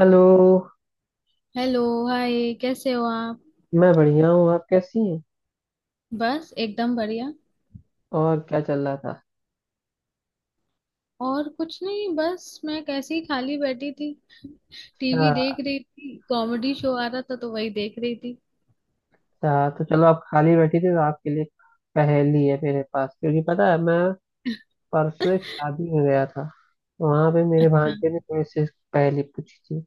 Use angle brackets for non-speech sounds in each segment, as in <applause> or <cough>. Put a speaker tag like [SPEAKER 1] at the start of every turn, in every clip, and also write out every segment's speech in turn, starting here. [SPEAKER 1] Hello.
[SPEAKER 2] Hello. Hi, कैसे हो आप?
[SPEAKER 1] मैं बढ़िया हूँ। आप कैसी हैं?
[SPEAKER 2] बस एकदम बढ़िया।
[SPEAKER 1] और क्या चल रहा था?
[SPEAKER 2] और कुछ नहीं, बस मैं कैसे ही खाली बैठी थी। टीवी
[SPEAKER 1] अच्छा।
[SPEAKER 2] देख रही थी, कॉमेडी शो आ रहा था तो वही देख रही थी।
[SPEAKER 1] अच्छा, तो चलो आप खाली बैठी थी तो आपके लिए पहेली है मेरे पास, क्योंकि पता है मैं परसों
[SPEAKER 2] <laughs>
[SPEAKER 1] एक शादी में गया था। वहां पे मेरे
[SPEAKER 2] अच्छा।
[SPEAKER 1] भांजे ने थोड़ी सी पहेली पूछी थी,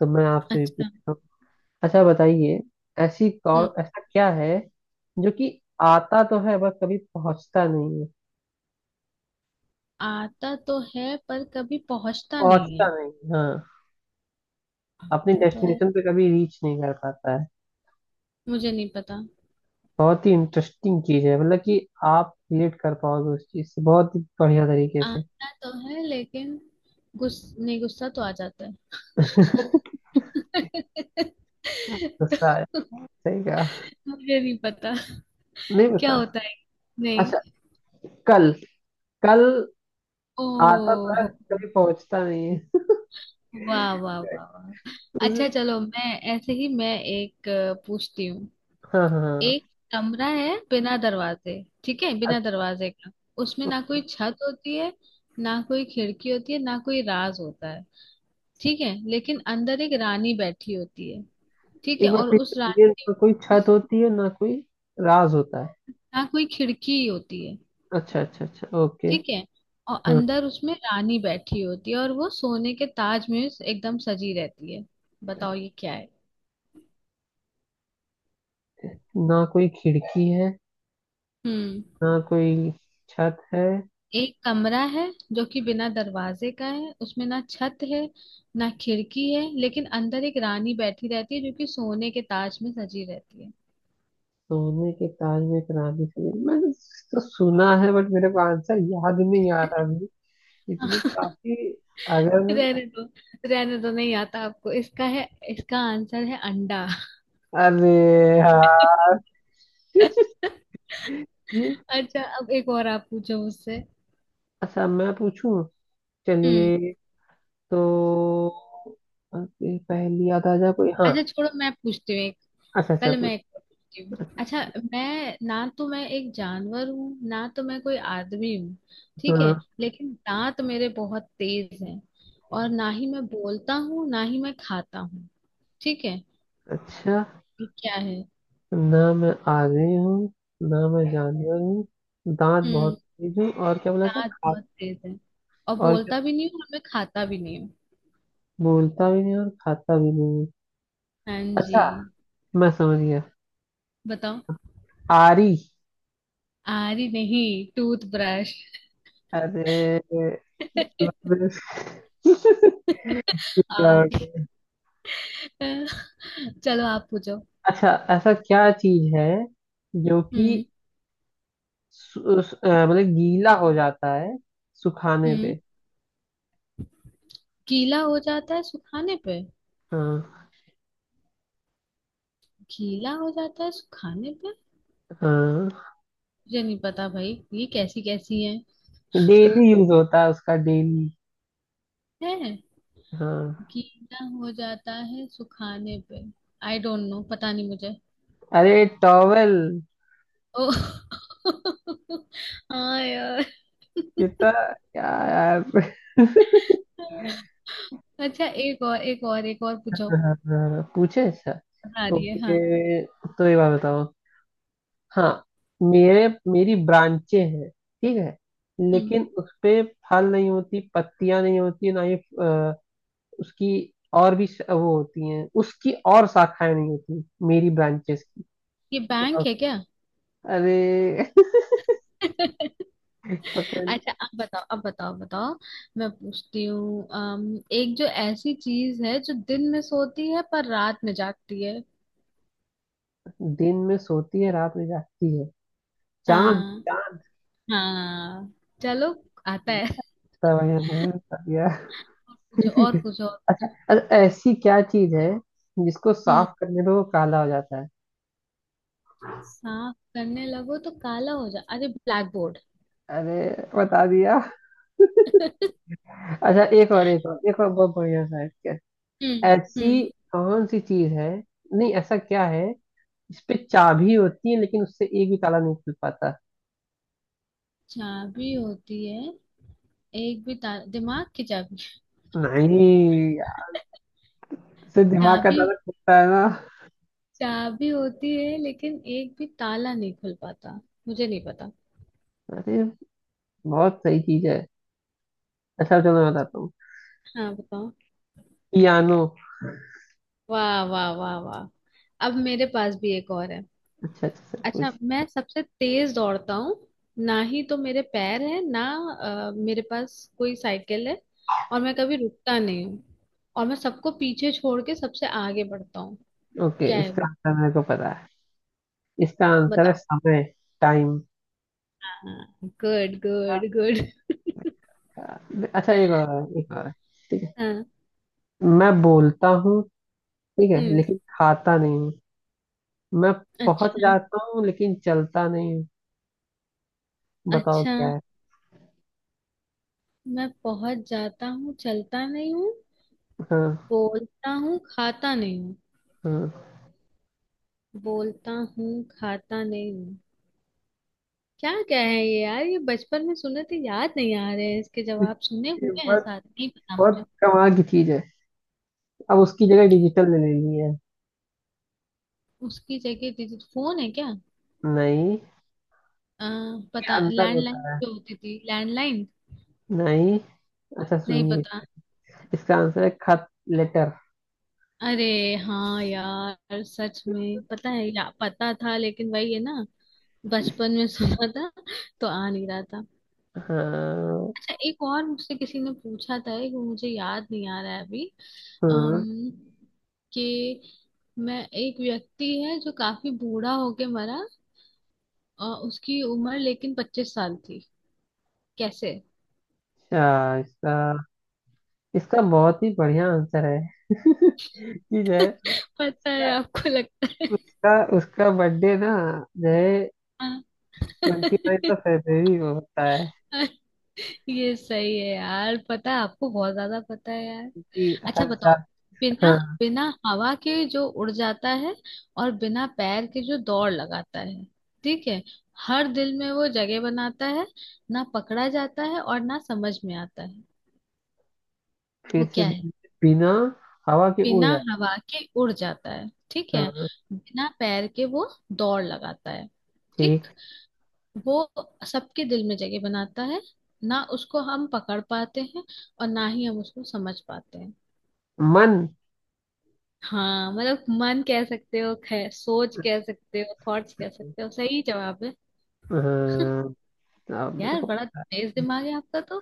[SPEAKER 1] तो मैं आपसे भी
[SPEAKER 2] अच्छा।
[SPEAKER 1] पूछता हूँ। अच्छा बताइए। ऐसी
[SPEAKER 2] हम्म।
[SPEAKER 1] कौन ऐसा क्या है जो कि आता तो है बस कभी पहुंचता नहीं है?
[SPEAKER 2] आता तो है पर कभी पहुंचता नहीं
[SPEAKER 1] पहुंचता
[SPEAKER 2] है।
[SPEAKER 1] नहीं, हाँ। अपनी
[SPEAKER 2] आता तो है।
[SPEAKER 1] डेस्टिनेशन पे कभी रीच नहीं कर पाता है।
[SPEAKER 2] मुझे नहीं पता।
[SPEAKER 1] बहुत ही इंटरेस्टिंग चीज है, मतलब कि आप रिलेट कर पाओगे उस चीज से बहुत ही बढ़िया तरीके से।
[SPEAKER 2] आता तो है लेकिन गुस नहीं, गुस्सा तो आ जाता है। <laughs>
[SPEAKER 1] गुस्सा है।
[SPEAKER 2] तो?
[SPEAKER 1] सही कहा।
[SPEAKER 2] मुझे नहीं पता
[SPEAKER 1] नहीं
[SPEAKER 2] क्या
[SPEAKER 1] पता।
[SPEAKER 2] होता है। नहीं।
[SPEAKER 1] अच्छा। कल। कल आता तो है,
[SPEAKER 2] ओ।
[SPEAKER 1] कभी पहुंचता नहीं है।
[SPEAKER 2] वाह वाह वाह वाह, अच्छा चलो मैं ऐसे ही, मैं एक पूछती हूँ।
[SPEAKER 1] हाँ हाँ
[SPEAKER 2] एक
[SPEAKER 1] हाँ।
[SPEAKER 2] कमरा है बिना दरवाजे। ठीक है, बिना
[SPEAKER 1] अच्छा,
[SPEAKER 2] दरवाजे का। उसमें ना
[SPEAKER 1] ओके।
[SPEAKER 2] कोई छत होती है, ना कोई खिड़की होती है, ना कोई राज होता है। ठीक है, लेकिन अंदर एक रानी बैठी होती है। ठीक है,
[SPEAKER 1] एक बार
[SPEAKER 2] और
[SPEAKER 1] फिर से
[SPEAKER 2] उस
[SPEAKER 1] बोलिए,
[SPEAKER 2] रानी के
[SPEAKER 1] ना कोई छत
[SPEAKER 2] उस,
[SPEAKER 1] होती है ना कोई राज होता है?
[SPEAKER 2] ना कोई खिड़की होती है।
[SPEAKER 1] अच्छा अच्छा अच्छा, ओके।
[SPEAKER 2] ठीक है, और
[SPEAKER 1] हाँ।
[SPEAKER 2] अंदर उसमें रानी बैठी होती है और वो सोने के ताज में एकदम सजी रहती है। बताओ ये क्या है?
[SPEAKER 1] ना कोई खिड़की है
[SPEAKER 2] हम्म।
[SPEAKER 1] ना कोई छत है।
[SPEAKER 2] एक कमरा है जो कि बिना दरवाजे का है, उसमें ना छत है, ना खिड़की है, लेकिन अंदर एक रानी बैठी रहती है जो कि सोने के ताज में सजी रहती है।
[SPEAKER 1] सोने के ताज में एक रानी थी, मैंने तो सुना है, बट मेरे को आंसर याद नहीं आ रहा अभी, इसलिए
[SPEAKER 2] <laughs>
[SPEAKER 1] काफी। अगर।
[SPEAKER 2] रहने दो, रहने दो, नहीं आता आपको इसका है। इसका आंसर है अंडा।
[SPEAKER 1] अरे
[SPEAKER 2] <laughs>
[SPEAKER 1] यार। <laughs> ये।
[SPEAKER 2] अच्छा, अब एक और आप पूछो मुझसे।
[SPEAKER 1] अच्छा, मैं पूछूं।
[SPEAKER 2] हम्म।
[SPEAKER 1] चलिए। तो ओके, पहली याद आ जाए कोई। हाँ।
[SPEAKER 2] अच्छा, छोड़ो, मैं पूछती हूँ।
[SPEAKER 1] अच्छा अच्छा,
[SPEAKER 2] पहले मैं
[SPEAKER 1] पूछ।
[SPEAKER 2] एक और पूछती हूँ, अच्छा। मैं ना तो मैं एक जानवर हूँ, ना तो मैं कोई आदमी हूँ। ठीक है,
[SPEAKER 1] हाँ।
[SPEAKER 2] लेकिन दांत मेरे बहुत तेज हैं। और ना ही मैं बोलता हूँ, ना ही मैं खाता हूँ। ठीक है।
[SPEAKER 1] अच्छा।
[SPEAKER 2] ये क्या है?
[SPEAKER 1] ना मैं आगे हूँ ना मैं जानवर हूँ, दांत बहुत
[SPEAKER 2] हम्म।
[SPEAKER 1] तेज हूँ, और क्या बोला था,
[SPEAKER 2] दांत
[SPEAKER 1] खा?
[SPEAKER 2] बहुत तेज है और
[SPEAKER 1] और
[SPEAKER 2] बोलता भी नहीं हूँ और मैं खाता भी नहीं हूँ।
[SPEAKER 1] बोलता भी नहीं और खाता भी नहीं है।
[SPEAKER 2] हाँ जी।
[SPEAKER 1] अच्छा, मैं समझ गया।
[SPEAKER 2] बताओ।
[SPEAKER 1] आरी।
[SPEAKER 2] आरी नहीं, टूथब्रश।
[SPEAKER 1] अरे,
[SPEAKER 2] <laughs>
[SPEAKER 1] मतलब। <laughs> क्या हो
[SPEAKER 2] आरी।
[SPEAKER 1] गया?
[SPEAKER 2] चलो आप पूछो।
[SPEAKER 1] अच्छा। ऐसा क्या चीज है जो कि
[SPEAKER 2] हम्म।
[SPEAKER 1] मतलब गीला हो जाता है सुखाने
[SPEAKER 2] हम्म।
[SPEAKER 1] पे?
[SPEAKER 2] गीला हो जाता है सुखाने पे।
[SPEAKER 1] हाँ।
[SPEAKER 2] गीला हो जाता है सुखाने पे।
[SPEAKER 1] हाँ।
[SPEAKER 2] मुझे नहीं पता भाई, ये कैसी कैसी है।
[SPEAKER 1] डेली यूज होता है उसका, डेली।
[SPEAKER 2] है।
[SPEAKER 1] हाँ।
[SPEAKER 2] गीला हो जाता है सुखाने पे। आई डोंट नो, पता नहीं मुझे।
[SPEAKER 1] अरे टॉवेल।
[SPEAKER 2] ओ। <laughs> हाँ यार।
[SPEAKER 1] कितना क्या यार। <laughs>
[SPEAKER 2] अच्छा, एक और एक और एक और पूछो।
[SPEAKER 1] हाँ, हाँ, पूछे। अच्छा,
[SPEAKER 2] आ रही है,
[SPEAKER 1] ओके,
[SPEAKER 2] हाँ।
[SPEAKER 1] तो ये बात बताओ। हाँ। मेरे मेरी ब्रांचें हैं, ठीक है,
[SPEAKER 2] हम्म।
[SPEAKER 1] लेकिन उस पे फल नहीं होती, पत्तियां नहीं होती, ना ही उसकी और भी वो होती हैं उसकी, और शाखाएं नहीं होती मेरी ब्रांचेस की।
[SPEAKER 2] ये बैंक है क्या?
[SPEAKER 1] अरे।
[SPEAKER 2] <laughs>
[SPEAKER 1] <laughs> पकड़।
[SPEAKER 2] अच्छा, अब बताओ, अब बताओ, बताओ। मैं पूछती हूँ एक जो ऐसी चीज है जो दिन में सोती है पर रात में जागती है।
[SPEAKER 1] दिन में सोती है रात में जागती है? चांद।
[SPEAKER 2] हाँ। हाँ। चलो। आता
[SPEAKER 1] चांद,
[SPEAKER 2] है, और
[SPEAKER 1] तब यहाँ तब
[SPEAKER 2] पूछो और पूछो
[SPEAKER 1] यहाँ।
[SPEAKER 2] और पूछो।
[SPEAKER 1] <laughs> अरे, ऐसी क्या चीज है जिसको
[SPEAKER 2] हम्म।
[SPEAKER 1] साफ करने पे वो काला हो जाता है?
[SPEAKER 2] साफ करने लगो तो काला हो जा, अरे ब्लैक बोर्ड।
[SPEAKER 1] अरे बता दिया।
[SPEAKER 2] <laughs>
[SPEAKER 1] अच्छा, एक और एक और एक और, बहुत बढ़िया सा है।
[SPEAKER 2] हम्म।
[SPEAKER 1] ऐसी
[SPEAKER 2] हम्म।
[SPEAKER 1] कौन सी चीज है, नहीं, ऐसा क्या है, इस पे चाबी होती है लेकिन उससे एक भी ताला नहीं खुल पाता?
[SPEAKER 2] चाबी होती है, एक भी ताला, दिमाग की चाबी।
[SPEAKER 1] नहीं, इससे दिमाग का
[SPEAKER 2] चाबी।
[SPEAKER 1] ताला खुलता है ना।
[SPEAKER 2] चाबी होती है लेकिन एक भी ताला नहीं खुल पाता। मुझे नहीं पता।
[SPEAKER 1] अरे, बहुत सही चीज है। अच्छा चलो, मैं बताता हूँ।
[SPEAKER 2] हाँ, बताओ।
[SPEAKER 1] पियानो।
[SPEAKER 2] वाह वाह वाह वाह। अब मेरे पास भी एक और है।
[SPEAKER 1] अच्छा अच्छा, सब
[SPEAKER 2] अच्छा,
[SPEAKER 1] कुछ।
[SPEAKER 2] मैं सबसे तेज दौड़ता हूँ। ना ही तो मेरे पैर है, ना मेरे पास कोई साइकिल है। और मैं कभी रुकता नहीं हूँ। और मैं सबको पीछे छोड़ के सबसे आगे बढ़ता हूँ।
[SPEAKER 1] ओके,
[SPEAKER 2] क्या है
[SPEAKER 1] इसका
[SPEAKER 2] वो?
[SPEAKER 1] आंसर मेरे को पता है। इसका आंसर है
[SPEAKER 2] बताओ।
[SPEAKER 1] समय। टाइम।
[SPEAKER 2] Good good good.
[SPEAKER 1] अच्छा, एक और एक और। ठीक है।
[SPEAKER 2] <laughs> हाँ।
[SPEAKER 1] मैं बोलता हूँ ठीक है,
[SPEAKER 2] हम्म।
[SPEAKER 1] लेकिन खाता नहीं हूँ, मैं पहुंच
[SPEAKER 2] अच्छा।
[SPEAKER 1] जाता हूँ लेकिन चलता नहीं हूँ। बताओ
[SPEAKER 2] अच्छा।
[SPEAKER 1] क्या है।
[SPEAKER 2] मैं पहुंच जाता हूँ, चलता नहीं हूँ।
[SPEAKER 1] हाँ।
[SPEAKER 2] बोलता हूँ, खाता नहीं हूँ।
[SPEAKER 1] हाँ।
[SPEAKER 2] बोलता हूँ, खाता नहीं हूँ। क्या क्या है ये यार, ये बचपन में सुने थे, याद नहीं आ रहे हैं, इसके जवाब सुने
[SPEAKER 1] ये
[SPEAKER 2] हुए हैं
[SPEAKER 1] बहुत
[SPEAKER 2] सारे, नहीं पता
[SPEAKER 1] बहुत
[SPEAKER 2] मुझे।
[SPEAKER 1] कमाल की चीज है। अब उसकी जगह डिजिटल ले ली है।
[SPEAKER 2] उसकी जगह डिजिट, फोन है क्या?
[SPEAKER 1] नहीं,
[SPEAKER 2] आ,
[SPEAKER 1] ये
[SPEAKER 2] पता,
[SPEAKER 1] अंतर
[SPEAKER 2] लैंडलाइन
[SPEAKER 1] होता है।
[SPEAKER 2] जो होती थी, लैंडलाइन।
[SPEAKER 1] नहीं। अच्छा
[SPEAKER 2] नहीं
[SPEAKER 1] सुनिए,
[SPEAKER 2] पता।
[SPEAKER 1] इसका आंसर है खत। लेटर।
[SPEAKER 2] अरे हाँ यार, सच में पता है या पता था, लेकिन वही है ना, बचपन में सुना था तो आ नहीं रहा था।
[SPEAKER 1] हाँ।
[SPEAKER 2] अच्छा, एक और मुझसे किसी ने पूछा था, एक वो मुझे याद नहीं आ रहा है अभी।
[SPEAKER 1] हाँ।
[SPEAKER 2] अम्म कि मैं एक व्यक्ति है जो काफी बूढ़ा होके मरा, उसकी उम्र लेकिन 25 साल थी। कैसे?
[SPEAKER 1] अच्छा, इसका इसका बहुत ही बढ़िया आंसर है कि जो है
[SPEAKER 2] पता है
[SPEAKER 1] उसका
[SPEAKER 2] आपको, लगता है?
[SPEAKER 1] उसका उसका बर्थडे ना, जो है
[SPEAKER 2] हाँ।
[SPEAKER 1] 29th ऑफ
[SPEAKER 2] <laughs>
[SPEAKER 1] फेब्रवरी को होता है,
[SPEAKER 2] ये सही है यार, पता है आपको, बहुत ज्यादा पता है यार।
[SPEAKER 1] कि
[SPEAKER 2] अच्छा,
[SPEAKER 1] हर
[SPEAKER 2] बताओ।
[SPEAKER 1] साल।
[SPEAKER 2] बिना
[SPEAKER 1] हाँ।
[SPEAKER 2] बिना हवा के जो उड़ जाता है, और बिना पैर के जो दौड़ लगाता है। ठीक है। हर दिल में वो जगह बनाता है, ना पकड़ा जाता है और ना समझ में आता है।
[SPEAKER 1] फिर
[SPEAKER 2] वो
[SPEAKER 1] से।
[SPEAKER 2] क्या है?
[SPEAKER 1] बिना हवा के उड़
[SPEAKER 2] बिना
[SPEAKER 1] जाता
[SPEAKER 2] हवा के उड़ जाता है, ठीक
[SPEAKER 1] है।
[SPEAKER 2] है।
[SPEAKER 1] हाँ।
[SPEAKER 2] बिना पैर के वो दौड़ लगाता है।
[SPEAKER 1] ठीक।
[SPEAKER 2] ठीक। वो सबके दिल में जगह बनाता है, ना उसको हम पकड़ पाते हैं और ना ही हम उसको समझ पाते हैं।
[SPEAKER 1] मन।
[SPEAKER 2] हाँ, मतलब मन कह सकते हो, सोच कह सकते हो, थॉट्स कह सकते हो, सही जवाब है।
[SPEAKER 1] हाँ, अब मेरे
[SPEAKER 2] यार
[SPEAKER 1] को।
[SPEAKER 2] बड़ा तेज दिमाग है आपका तो।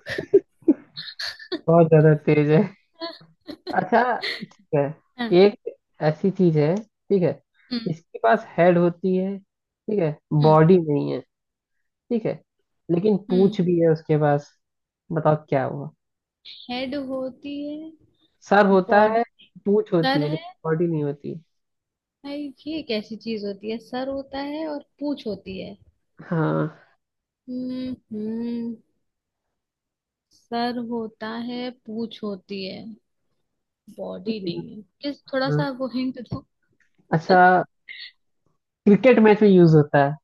[SPEAKER 1] बहुत ज्यादा तेज है।
[SPEAKER 2] <laughs>
[SPEAKER 1] अच्छा, ठीक है।
[SPEAKER 2] हाँ।
[SPEAKER 1] एक ऐसी चीज है, ठीक है,
[SPEAKER 2] हम्म।
[SPEAKER 1] इसके पास हेड होती है, ठीक है,
[SPEAKER 2] हम्म।
[SPEAKER 1] बॉडी नहीं है, ठीक है, लेकिन
[SPEAKER 2] हम्म।
[SPEAKER 1] पूंछ भी है उसके पास। बताओ क्या हुआ।
[SPEAKER 2] हेड होती है,
[SPEAKER 1] सर होता
[SPEAKER 2] बॉडी,
[SPEAKER 1] है, पूंछ होती
[SPEAKER 2] सर
[SPEAKER 1] है,
[SPEAKER 2] है
[SPEAKER 1] लेकिन बॉडी नहीं होती।
[SPEAKER 2] भाई, ये कैसी चीज होती है, सर होता है और पूंछ होती है।
[SPEAKER 1] हाँ।
[SPEAKER 2] हम्म। हम्म। सर होता है, पूंछ होती है, बॉडी नहीं है, प्लीज थोड़ा
[SPEAKER 1] हाँ।
[SPEAKER 2] सा वो हिंट दो।
[SPEAKER 1] अच्छा, क्रिकेट मैच में यूज होता है।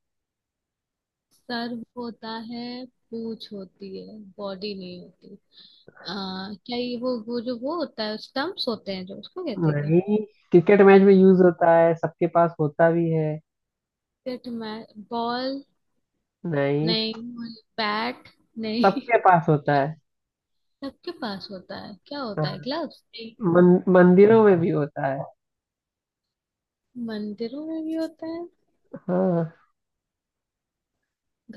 [SPEAKER 2] सर होता है, पूछ होती है, बॉडी नहीं होती। आ, क्या ये वो जो वो होता है, स्टम्प्स होते हैं जो उसको कहते हैं क्या?
[SPEAKER 1] नहीं, क्रिकेट मैच में यूज होता है, सबके पास होता भी है।
[SPEAKER 2] पिट में बॉल?
[SPEAKER 1] नहीं,
[SPEAKER 2] नहीं। बैट? नहीं।
[SPEAKER 1] सबके पास होता है।
[SPEAKER 2] <laughs> सबके पास होता है, क्या
[SPEAKER 1] हाँ।
[SPEAKER 2] होता है, ग्लव्स? नहीं।
[SPEAKER 1] मन, मंदिरों में भी होता है।
[SPEAKER 2] मंदिरों में भी होता है?
[SPEAKER 1] हाँ।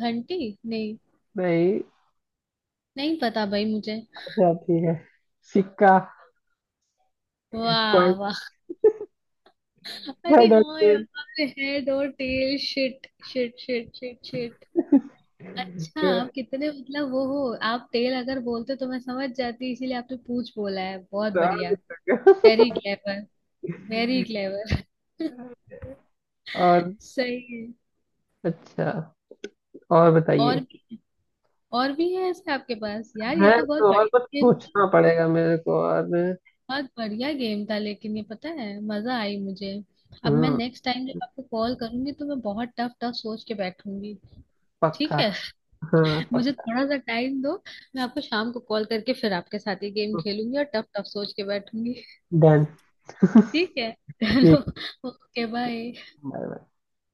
[SPEAKER 2] घंटी? नहीं।
[SPEAKER 1] नहीं।
[SPEAKER 2] नहीं पता भाई मुझे।
[SPEAKER 1] अच्छा ठीक है, सिक्का।
[SPEAKER 2] वाह
[SPEAKER 1] कॉइन।
[SPEAKER 2] वाह। अरे
[SPEAKER 1] हेड और
[SPEAKER 2] हाँ
[SPEAKER 1] टेल।
[SPEAKER 2] यार, हेड और tail, shit shit shit shit shit. अच्छा
[SPEAKER 1] तो,
[SPEAKER 2] आप कितने, मतलब वो हो। आप तेल अगर बोलते तो मैं समझ जाती, इसीलिए आपने पूछ बोला है, बहुत
[SPEAKER 1] और
[SPEAKER 2] बढ़िया।
[SPEAKER 1] भी
[SPEAKER 2] वेरी क्लेवर। Very clever.
[SPEAKER 1] और।
[SPEAKER 2] <laughs> सही है।
[SPEAKER 1] अच्छा, और
[SPEAKER 2] और
[SPEAKER 1] बताइए।
[SPEAKER 2] भी। और भी है ऐसे आपके पास यार, ये
[SPEAKER 1] है
[SPEAKER 2] तो बहुत
[SPEAKER 1] तो और, बस
[SPEAKER 2] बढ़िया गेम था।
[SPEAKER 1] सोचना पड़ेगा मेरे को, और।
[SPEAKER 2] बहुत बढ़िया गेम था, लेकिन ये पता है, मजा आई मुझे। अब मैं
[SPEAKER 1] हम्म।
[SPEAKER 2] नेक्स्ट टाइम जब आपको कॉल करूंगी, तो मैं बहुत टफ टफ सोच के बैठूंगी।
[SPEAKER 1] पक्का।
[SPEAKER 2] ठीक है। <laughs>
[SPEAKER 1] हाँ।
[SPEAKER 2] मुझे थोड़ा सा टाइम दो, मैं आपको शाम को कॉल करके फिर आपके साथ ये गेम खेलूंगी और टफ टफ सोच के बैठूंगी।
[SPEAKER 1] डन। <laughs>
[SPEAKER 2] ठीक है। <laughs> चलो।
[SPEAKER 1] ठीक।
[SPEAKER 2] Okay bye.